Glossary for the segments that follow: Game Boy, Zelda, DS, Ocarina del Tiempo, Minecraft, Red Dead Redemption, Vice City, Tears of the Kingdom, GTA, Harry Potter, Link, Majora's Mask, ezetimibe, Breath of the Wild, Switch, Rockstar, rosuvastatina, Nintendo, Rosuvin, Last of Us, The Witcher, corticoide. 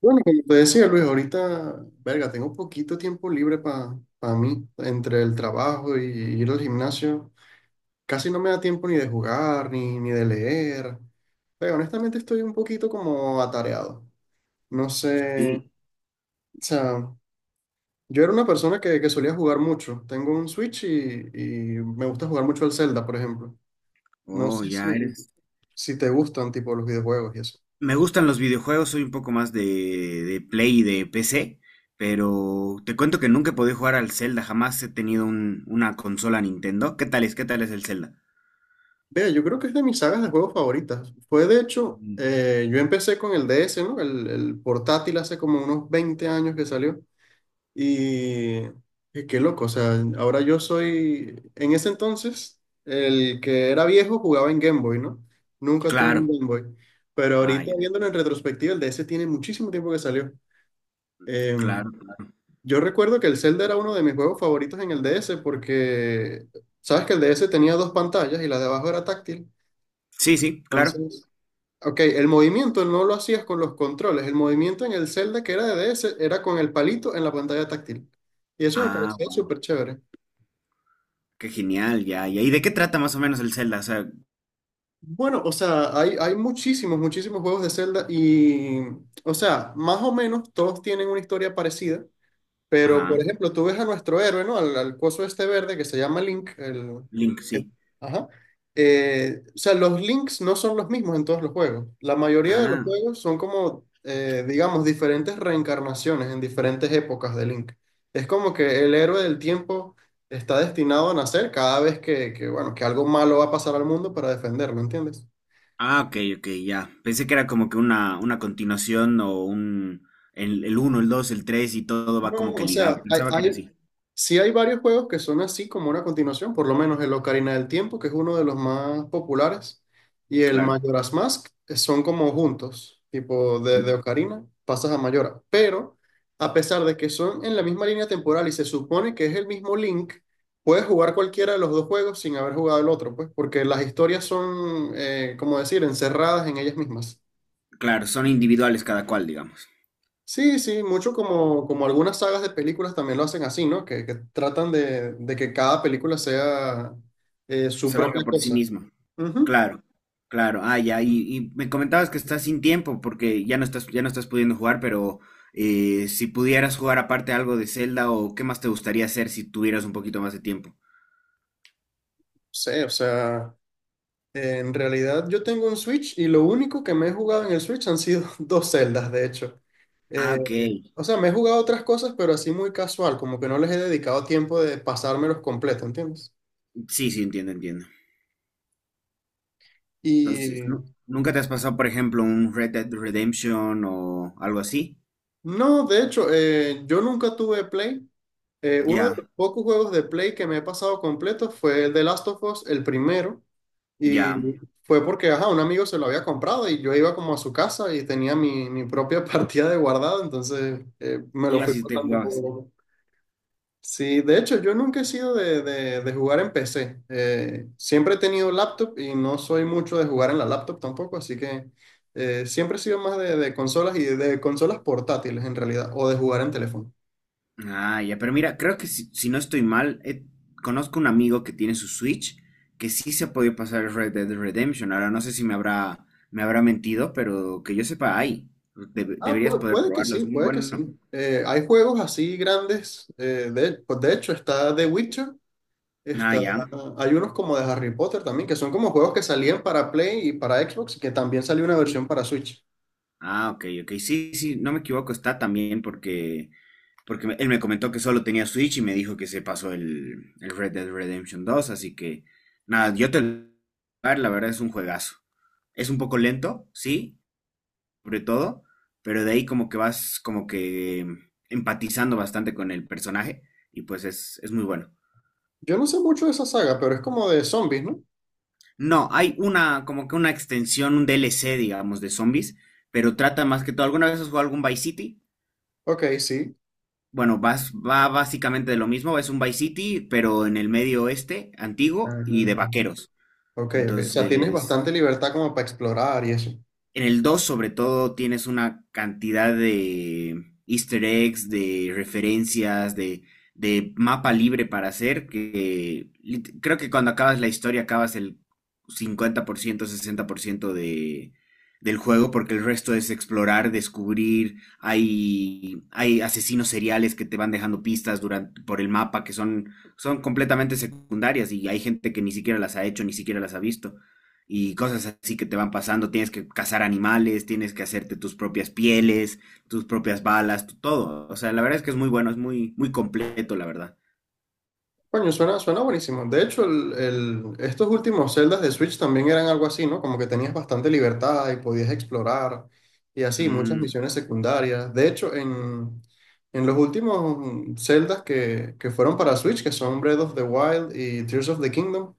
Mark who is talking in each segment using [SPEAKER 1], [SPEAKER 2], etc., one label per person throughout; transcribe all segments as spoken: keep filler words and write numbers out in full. [SPEAKER 1] Bueno, como te decía Luis, ahorita, verga, tengo poquito tiempo libre para mí, entre el trabajo y ir al gimnasio. Casi no me da tiempo ni de jugar, ni, ni de leer. Pero honestamente estoy un poquito como atareado. No sé, o
[SPEAKER 2] Sí.
[SPEAKER 1] sea, yo era una persona que, que solía jugar mucho. Tengo un Switch y, y me gusta jugar mucho al Zelda, por ejemplo. No
[SPEAKER 2] Oh,
[SPEAKER 1] sé si,
[SPEAKER 2] ya eres.
[SPEAKER 1] si te gustan tipo los videojuegos y eso.
[SPEAKER 2] Me gustan los videojuegos, soy un poco más de, de Play y de P C, pero te cuento que nunca he podido jugar al Zelda, jamás he tenido un- una consola Nintendo. ¿Qué tal es? ¿Qué tal es el Zelda?
[SPEAKER 1] Vea, yo creo que es de mis sagas de juegos favoritas. Fue de hecho,
[SPEAKER 2] Mm.
[SPEAKER 1] eh, yo empecé con el D S, ¿no? El, el portátil hace como unos veinte años que salió. Y, y qué loco, o sea, ahora yo soy, en ese entonces, el que era viejo jugaba en Game Boy, ¿no? Nunca tuve un
[SPEAKER 2] Claro.
[SPEAKER 1] Game Boy. Pero
[SPEAKER 2] Ah,
[SPEAKER 1] ahorita
[SPEAKER 2] ya,
[SPEAKER 1] viéndolo en retrospectiva, el D S tiene muchísimo tiempo que salió. Em,
[SPEAKER 2] claro.
[SPEAKER 1] yo recuerdo que el Zelda era uno de mis juegos favoritos en el D S porque, ¿sabes que el D S tenía dos pantallas y la de abajo era táctil?
[SPEAKER 2] Sí, sí, claro.
[SPEAKER 1] Entonces. Ok, el movimiento no lo hacías con los controles, el movimiento en el Zelda que era de D S era con el palito en la pantalla táctil. Y eso me
[SPEAKER 2] Ah,
[SPEAKER 1] parecía
[SPEAKER 2] gua-
[SPEAKER 1] súper chévere.
[SPEAKER 2] qué genial, ya, ya. ¿Y de qué trata más o menos el Zelda? O sea,
[SPEAKER 1] Bueno, o sea, hay, hay muchísimos, muchísimos juegos de Zelda y, o sea, más o menos todos tienen una historia parecida. Pero,
[SPEAKER 2] ajá.
[SPEAKER 1] por ejemplo, tú ves a nuestro héroe, ¿no? Al, al coso este verde que se llama Link. el-
[SPEAKER 2] Link,
[SPEAKER 1] que-
[SPEAKER 2] sí.
[SPEAKER 1] ajá. Eh, o sea, los links no son los mismos en todos los juegos. La mayoría de los
[SPEAKER 2] Ah.
[SPEAKER 1] juegos son como, eh, digamos, diferentes reencarnaciones en diferentes épocas de Link. Es como que el héroe del tiempo está destinado a nacer cada vez que, que, bueno, que algo malo va a pasar al mundo para defenderlo, ¿entiendes?
[SPEAKER 2] Ah, ok, ok, ya. Pensé que era como que una, una continuación o un... El, el uno, el dos, el tres y todo va
[SPEAKER 1] No,
[SPEAKER 2] como que
[SPEAKER 1] o
[SPEAKER 2] ligado.
[SPEAKER 1] sea, hay,
[SPEAKER 2] Pensaba que era
[SPEAKER 1] hay,
[SPEAKER 2] así.
[SPEAKER 1] sí hay varios juegos que son así como una continuación, por lo menos el Ocarina del Tiempo, que es uno de los más populares, y el
[SPEAKER 2] Claro.
[SPEAKER 1] Majora's Mask eh, son como juntos, tipo de, de
[SPEAKER 2] Mm.
[SPEAKER 1] Ocarina, pasas a Majora. Pero a pesar de que son en la misma línea temporal y se supone que es el mismo Link, puedes jugar cualquiera de los dos juegos sin haber jugado el otro, pues, porque las historias son, eh, como decir, encerradas en ellas mismas.
[SPEAKER 2] Claro, son individuales cada cual, digamos.
[SPEAKER 1] Sí, sí, mucho como, como algunas sagas de películas también lo hacen así, ¿no? Que, que tratan de, de que cada película sea eh, su
[SPEAKER 2] Se
[SPEAKER 1] propia
[SPEAKER 2] valga por sí
[SPEAKER 1] cosa.
[SPEAKER 2] mismo.
[SPEAKER 1] Ujú.
[SPEAKER 2] Claro, claro. Ah, ya. Y, y me comentabas que estás sin tiempo porque ya no estás, ya no estás pudiendo jugar, pero eh, si pudieras jugar aparte algo de Zelda o qué más te gustaría hacer si tuvieras un poquito más de tiempo.
[SPEAKER 1] Sí, o sea, en realidad yo tengo un Switch y lo único que me he jugado en el Switch han sido dos celdas, de hecho.
[SPEAKER 2] Ah,
[SPEAKER 1] Eh,
[SPEAKER 2] ok.
[SPEAKER 1] o sea, me he jugado otras cosas, pero así muy casual, como que no les he dedicado tiempo de pasármelos completo, ¿entiendes?
[SPEAKER 2] Sí, sí, entiendo, entiendo. Entonces,
[SPEAKER 1] Y
[SPEAKER 2] ¿nu- ¿nunca te has pasado, por ejemplo, un Red Dead Redemption o algo así?
[SPEAKER 1] no, de hecho, eh, yo nunca tuve Play. Eh, uno de
[SPEAKER 2] Ya,
[SPEAKER 1] los pocos juegos de Play que me he pasado completo fue el de Last of Us, el primero, y
[SPEAKER 2] ya.
[SPEAKER 1] fue porque, ajá, un amigo se lo había comprado y yo iba como a su casa y tenía mi, mi propia partida de guardado, entonces eh, me lo fui
[SPEAKER 2] Ibas y te
[SPEAKER 1] pasando poco
[SPEAKER 2] jugabas.
[SPEAKER 1] a poco. Sí, de hecho, yo nunca he sido de, de- de jugar en P C. Eh, siempre he tenido laptop y no soy mucho de jugar en la laptop tampoco, así que eh, siempre he sido más de, de consolas y de, de consolas portátiles en realidad, o de jugar en teléfono.
[SPEAKER 2] Ah, ya, pero mira, creo que si, si no estoy mal, eh, conozco un amigo que tiene su Switch que sí se ha podido pasar el Red Dead Redemption. Ahora no sé si me habrá, me habrá mentido, pero que yo sepa, hay. Debe-
[SPEAKER 1] Ah,
[SPEAKER 2] deberías
[SPEAKER 1] pu-
[SPEAKER 2] poder
[SPEAKER 1] puede, que
[SPEAKER 2] probarlo,
[SPEAKER 1] sí,
[SPEAKER 2] es muy
[SPEAKER 1] puede que
[SPEAKER 2] bueno.
[SPEAKER 1] sí. Eh, hay juegos así grandes. Eh, de, pues de hecho, está The Witcher.
[SPEAKER 2] Ah,
[SPEAKER 1] Está,
[SPEAKER 2] ya.
[SPEAKER 1] Hay unos como de Harry Potter también, que son como juegos que salían para Play y para Xbox y que también salió una
[SPEAKER 2] Sí.
[SPEAKER 1] versión para Switch.
[SPEAKER 2] Ah, ok, ok. Sí, sí, no me equivoco, está también porque, porque me- él me comentó que solo tenía Switch y me dijo que se pasó el, el Red Dead Redemption dos, así que nada, yo te lo voy a dar, la verdad es un juegazo. Es un poco lento, sí, sobre todo, pero de ahí como que vas como que empatizando bastante con el personaje y pues es, es muy bueno.
[SPEAKER 1] Yo no sé mucho de esa saga, pero es como de zombies, ¿no?
[SPEAKER 2] No, hay una como que una extensión, un D L C, digamos, de zombies, pero trata más que todo. ¿Alguna vez has jugado algún Vice City?
[SPEAKER 1] Ok, sí.
[SPEAKER 2] Bueno, vas- va básicamente de lo mismo, es un Vice City, pero en el medio oeste, antiguo y
[SPEAKER 1] Ah,
[SPEAKER 2] de vaqueros.
[SPEAKER 1] ok, ok. O sea, tienes
[SPEAKER 2] Entonces,
[SPEAKER 1] bastante libertad como para explorar y eso.
[SPEAKER 2] en el dos sobre todo, tienes una cantidad de easter eggs, de referencias, de, de mapa libre para hacer, que lit- creo que cuando acabas la historia acabas el cincuenta por ciento, sesenta por ciento de, del juego, porque el resto es explorar, descubrir, hay, hay asesinos seriales que te van dejando pistas durante, por el mapa que son, son completamente secundarias y hay gente que ni siquiera las ha hecho, ni siquiera las ha visto y cosas así que te van pasando. Tienes que cazar animales, tienes que hacerte tus propias pieles, tus propias balas, tu- todo. O sea, la verdad es que es muy bueno, es muy, muy completo, la verdad.
[SPEAKER 1] Coño, suena, suena buenísimo. De hecho, el, el- estos últimos celdas de Switch también eran algo así, ¿no? Como que tenías bastante libertad y podías explorar y así, muchas
[SPEAKER 2] Mm,
[SPEAKER 1] misiones secundarias. De hecho, en, en los últimos celdas que, que fueron para Switch, que son Breath of the Wild y Tears of the Kingdom,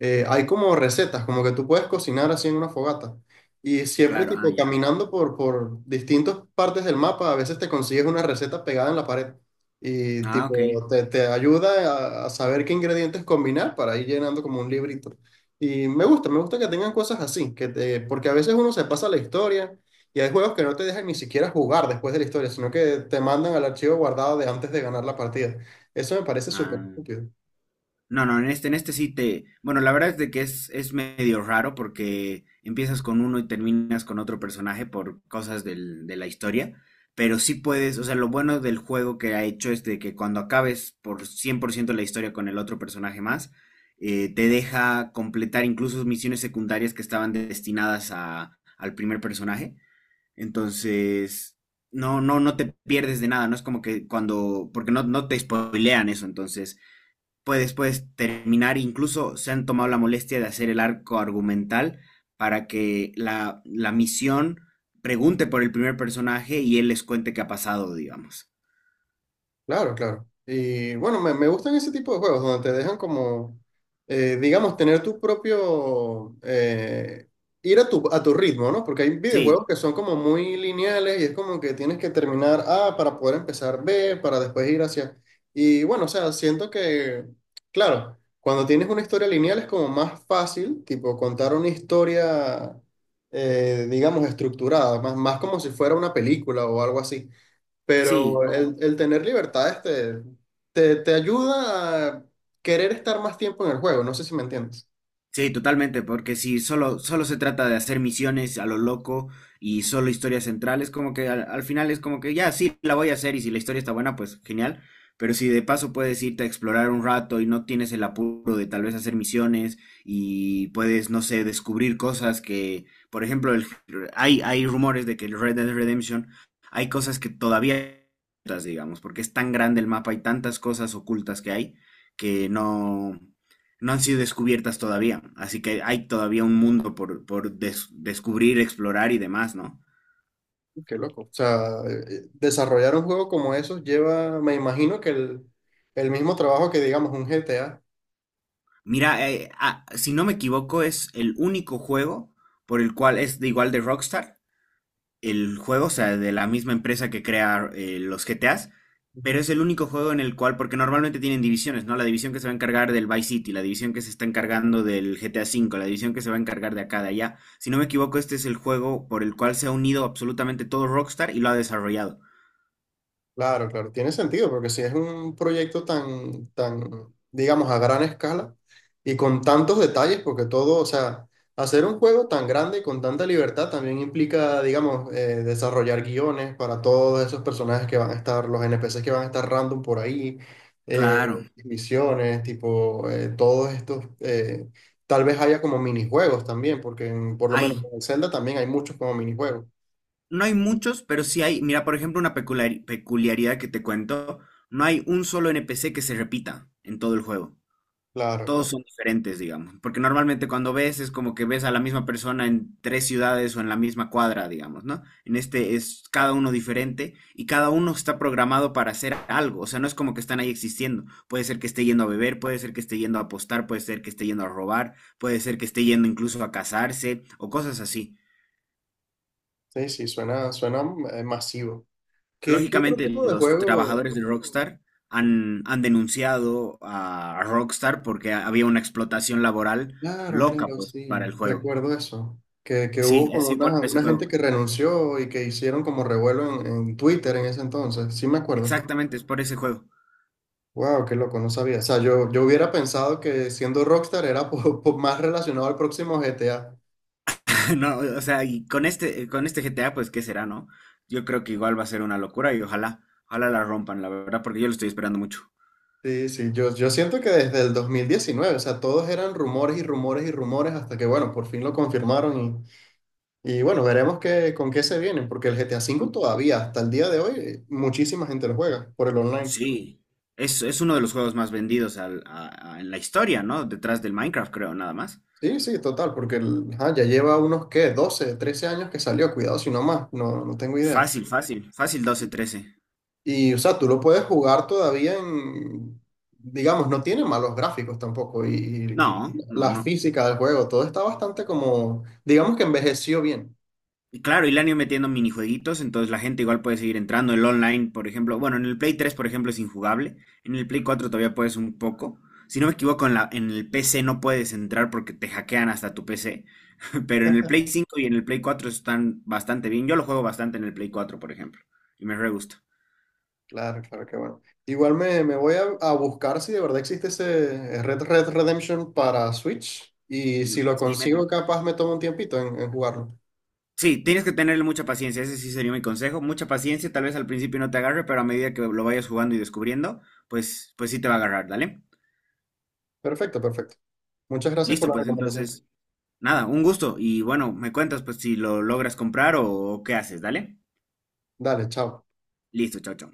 [SPEAKER 1] eh, hay como recetas, como que tú puedes cocinar así en una fogata. Y siempre,
[SPEAKER 2] claro, ah,
[SPEAKER 1] tipo,
[SPEAKER 2] ya.
[SPEAKER 1] caminando por, por distintas partes del mapa, a veces te consigues una receta pegada en la pared. Y
[SPEAKER 2] Ah, ok.
[SPEAKER 1] tipo, te, te ayuda a, a saber qué ingredientes combinar para ir llenando como un librito. Y me gusta, me gusta que tengan cosas así, que te, porque a veces uno se pasa la historia y hay juegos que no te dejan ni siquiera jugar después de la historia, sino que te mandan al archivo guardado de antes de ganar la partida. Eso me parece súper
[SPEAKER 2] Ah.
[SPEAKER 1] útil.
[SPEAKER 2] No, no, en este, en este sí te. Bueno, la verdad es de que es, es medio raro porque empiezas con uno y terminas con otro personaje por cosas del- de la historia. Pero sí puedes, o sea, lo bueno del juego que ha hecho es de que cuando acabes por cien por ciento la historia con el otro personaje más, eh, te deja completar incluso misiones secundarias que estaban destinadas a, al primer personaje. Entonces, no, no, no te pierdes de nada, no es como que cuando, porque no, no te spoilean eso, entonces puede después terminar, incluso se han tomado la molestia de hacer el arco argumental para que la, la misión pregunte por el primer personaje y él les cuente qué ha pasado, digamos.
[SPEAKER 1] Claro, claro. Y bueno, me, me gustan ese tipo de juegos donde te dejan como, eh, digamos, tener tu propio, eh, ir a tu, a tu ritmo, ¿no? Porque hay videojuegos
[SPEAKER 2] Sí,
[SPEAKER 1] que son como muy lineales y es como que tienes que terminar A para poder empezar B, para después ir hacia. Y bueno, o sea, siento que, claro, cuando tienes una historia lineal es como más fácil, tipo, contar una historia, eh, digamos, estructurada, más, más como si fuera una película o algo así.
[SPEAKER 2] sí,
[SPEAKER 1] Pero
[SPEAKER 2] como
[SPEAKER 1] el, el tener libertades te, te, te ayuda a querer estar más tiempo en el juego. No sé si me entiendes.
[SPEAKER 2] sí, totalmente, porque si solo, solo se trata de hacer misiones a lo loco y solo historias centrales, como que al, al final es como que ya, sí, la voy a hacer y si la historia está buena, pues genial, pero si de paso puedes irte a explorar un rato y no tienes el apuro de tal vez hacer misiones y puedes, no sé, descubrir cosas que, por ejemplo, el- hay, hay rumores de que el Red Dead Redemption, hay cosas que todavía, digamos, porque es tan grande el mapa, hay tantas cosas ocultas que hay que no no han sido descubiertas todavía. Así que hay todavía un mundo por, por des- descubrir, explorar y demás, ¿no?
[SPEAKER 1] Qué loco. O sea, eh, desarrollar un juego como eso lleva, me imagino que el, el mismo trabajo que, digamos, un G T A.
[SPEAKER 2] Mira, eh, ah, si no me equivoco, es el único juego por el cual es de igual de Rockstar, el juego, o sea, de la misma empresa que crea eh, los G T A s,
[SPEAKER 1] Ujú.
[SPEAKER 2] pero es el único juego en el cual, porque normalmente tienen divisiones, ¿no? La división que se va a encargar del Vice City, la división que se está
[SPEAKER 1] Ok.
[SPEAKER 2] encargando del G T A cinco, la división que se va a encargar de acá, de allá. Si no me equivoco, este es el juego por el cual se ha unido absolutamente todo Rockstar y lo ha desarrollado.
[SPEAKER 1] Claro, claro, tiene sentido, porque si es un proyecto tan, tan, digamos, a gran escala y con tantos detalles, porque todo, o sea, hacer un juego tan grande y con tanta libertad también implica, digamos, eh, desarrollar guiones para todos esos personajes que van a estar, los N P Cs que van a estar random por ahí, eh,
[SPEAKER 2] Claro.
[SPEAKER 1] misiones, tipo, eh, todos estos, eh, tal vez haya como minijuegos también, porque en- por lo
[SPEAKER 2] Hay,
[SPEAKER 1] menos en Zelda también hay muchos como minijuegos.
[SPEAKER 2] no hay muchos, pero sí hay. Mira, por ejemplo, una peculiar- peculiaridad que te cuento, no hay un solo N P C que se repita en todo el juego.
[SPEAKER 1] Claro,
[SPEAKER 2] Todos
[SPEAKER 1] claro.
[SPEAKER 2] son diferentes, digamos, porque normalmente cuando ves es como que ves a la misma persona en tres ciudades o en la misma cuadra, digamos, ¿no? En este es cada uno diferente y cada uno está programado para hacer algo, o sea, no es como que están ahí existiendo. Puede ser que esté yendo a beber, puede ser que esté yendo a apostar, puede ser que esté yendo a robar, puede ser que esté yendo incluso a casarse o cosas así.
[SPEAKER 1] Sí, sí, suena, suena eh, masivo. ¿Qué, qué otro
[SPEAKER 2] Lógicamente,
[SPEAKER 1] tipo de
[SPEAKER 2] los
[SPEAKER 1] juego?
[SPEAKER 2] trabajadores de Rockstar han, han denunciado a a Rockstar porque había una explotación laboral
[SPEAKER 1] Claro,
[SPEAKER 2] loca,
[SPEAKER 1] claro,
[SPEAKER 2] pues,
[SPEAKER 1] sí,
[SPEAKER 2] para el juego.
[SPEAKER 1] recuerdo eso. Que, que
[SPEAKER 2] Sí,
[SPEAKER 1] hubo con
[SPEAKER 2] así por
[SPEAKER 1] una,
[SPEAKER 2] ese
[SPEAKER 1] una
[SPEAKER 2] juego.
[SPEAKER 1] gente que renunció y que hicieron como revuelo en, en Twitter en ese entonces. Sí me acuerdo.
[SPEAKER 2] Exactamente, es por ese juego.
[SPEAKER 1] Wow, qué loco, no sabía. O sea, yo, yo hubiera pensado que siendo Rockstar era po- po- más relacionado al próximo G T A.
[SPEAKER 2] No, o sea, y con este, con este G T A, pues, ¿qué será, no? Yo creo que igual va a ser una locura y ojalá, ojalá la rompan, la verdad, porque yo lo estoy esperando mucho.
[SPEAKER 1] Sí, sí, yo, yo siento que desde el dos mil diecinueve, o sea, todos eran rumores y rumores y rumores hasta que, bueno, por fin lo confirmaron Y bueno, veremos qué, con qué se vienen, porque el G T A cinco
[SPEAKER 2] Mm.
[SPEAKER 1] todavía, hasta el día de hoy, eh, muchísima gente lo juega por el online.
[SPEAKER 2] Sí, es, es uno de los juegos más vendidos al- a- a- en la historia, ¿no? Detrás del Minecraft, creo, nada más.
[SPEAKER 1] Sí, sí, total, porque el- ajá, ya lleva unos, ¿qué? doce trece años que salió, cuidado si no más, no, no tengo idea.
[SPEAKER 2] Fácil, fácil, fácil doce trece.
[SPEAKER 1] Y, o sea, tú lo puedes jugar todavía en, digamos, no tiene malos gráficos tampoco,
[SPEAKER 2] No,
[SPEAKER 1] y, y
[SPEAKER 2] no,
[SPEAKER 1] la
[SPEAKER 2] no.
[SPEAKER 1] física del juego, todo está bastante como, digamos que envejeció bien.
[SPEAKER 2] Y claro, y le han ido metiendo minijueguitos, entonces la gente igual puede seguir entrando. El online, por ejemplo, bueno, en el Play tres, por ejemplo, es injugable. En el Play cuatro todavía puedes un poco. Si no me equivoco, en la, en el P C no puedes entrar porque te hackean hasta tu P C. Pero en el Play cinco y en el Play cuatro están bastante bien. Yo lo juego bastante en el Play cuatro, por ejemplo. Y me re gusta.
[SPEAKER 1] Claro, claro, que bueno. Igual me, me voy a, a buscar si de verdad existe ese eh, Red Red Redemption para Switch y
[SPEAKER 2] Mm.
[SPEAKER 1] si lo
[SPEAKER 2] Sí,
[SPEAKER 1] consigo
[SPEAKER 2] meta.
[SPEAKER 1] capaz me tomo un tiempito en, en jugarlo.
[SPEAKER 2] Sí, tienes que tenerle mucha paciencia. Ese sí sería mi consejo. Mucha paciencia. Tal vez al principio no te agarre, pero a medida que lo vayas jugando y descubriendo, pues, pues sí te va a agarrar, ¿dale?
[SPEAKER 1] Perfecto, perfecto. Muchas gracias por
[SPEAKER 2] Listo,
[SPEAKER 1] la
[SPEAKER 2] pues
[SPEAKER 1] recomendación.
[SPEAKER 2] entonces, nada, un gusto. Y bueno, me cuentas pues si lo logras comprar o, o qué haces, ¿dale?
[SPEAKER 1] Dale, chao.
[SPEAKER 2] Listo, chao, chao.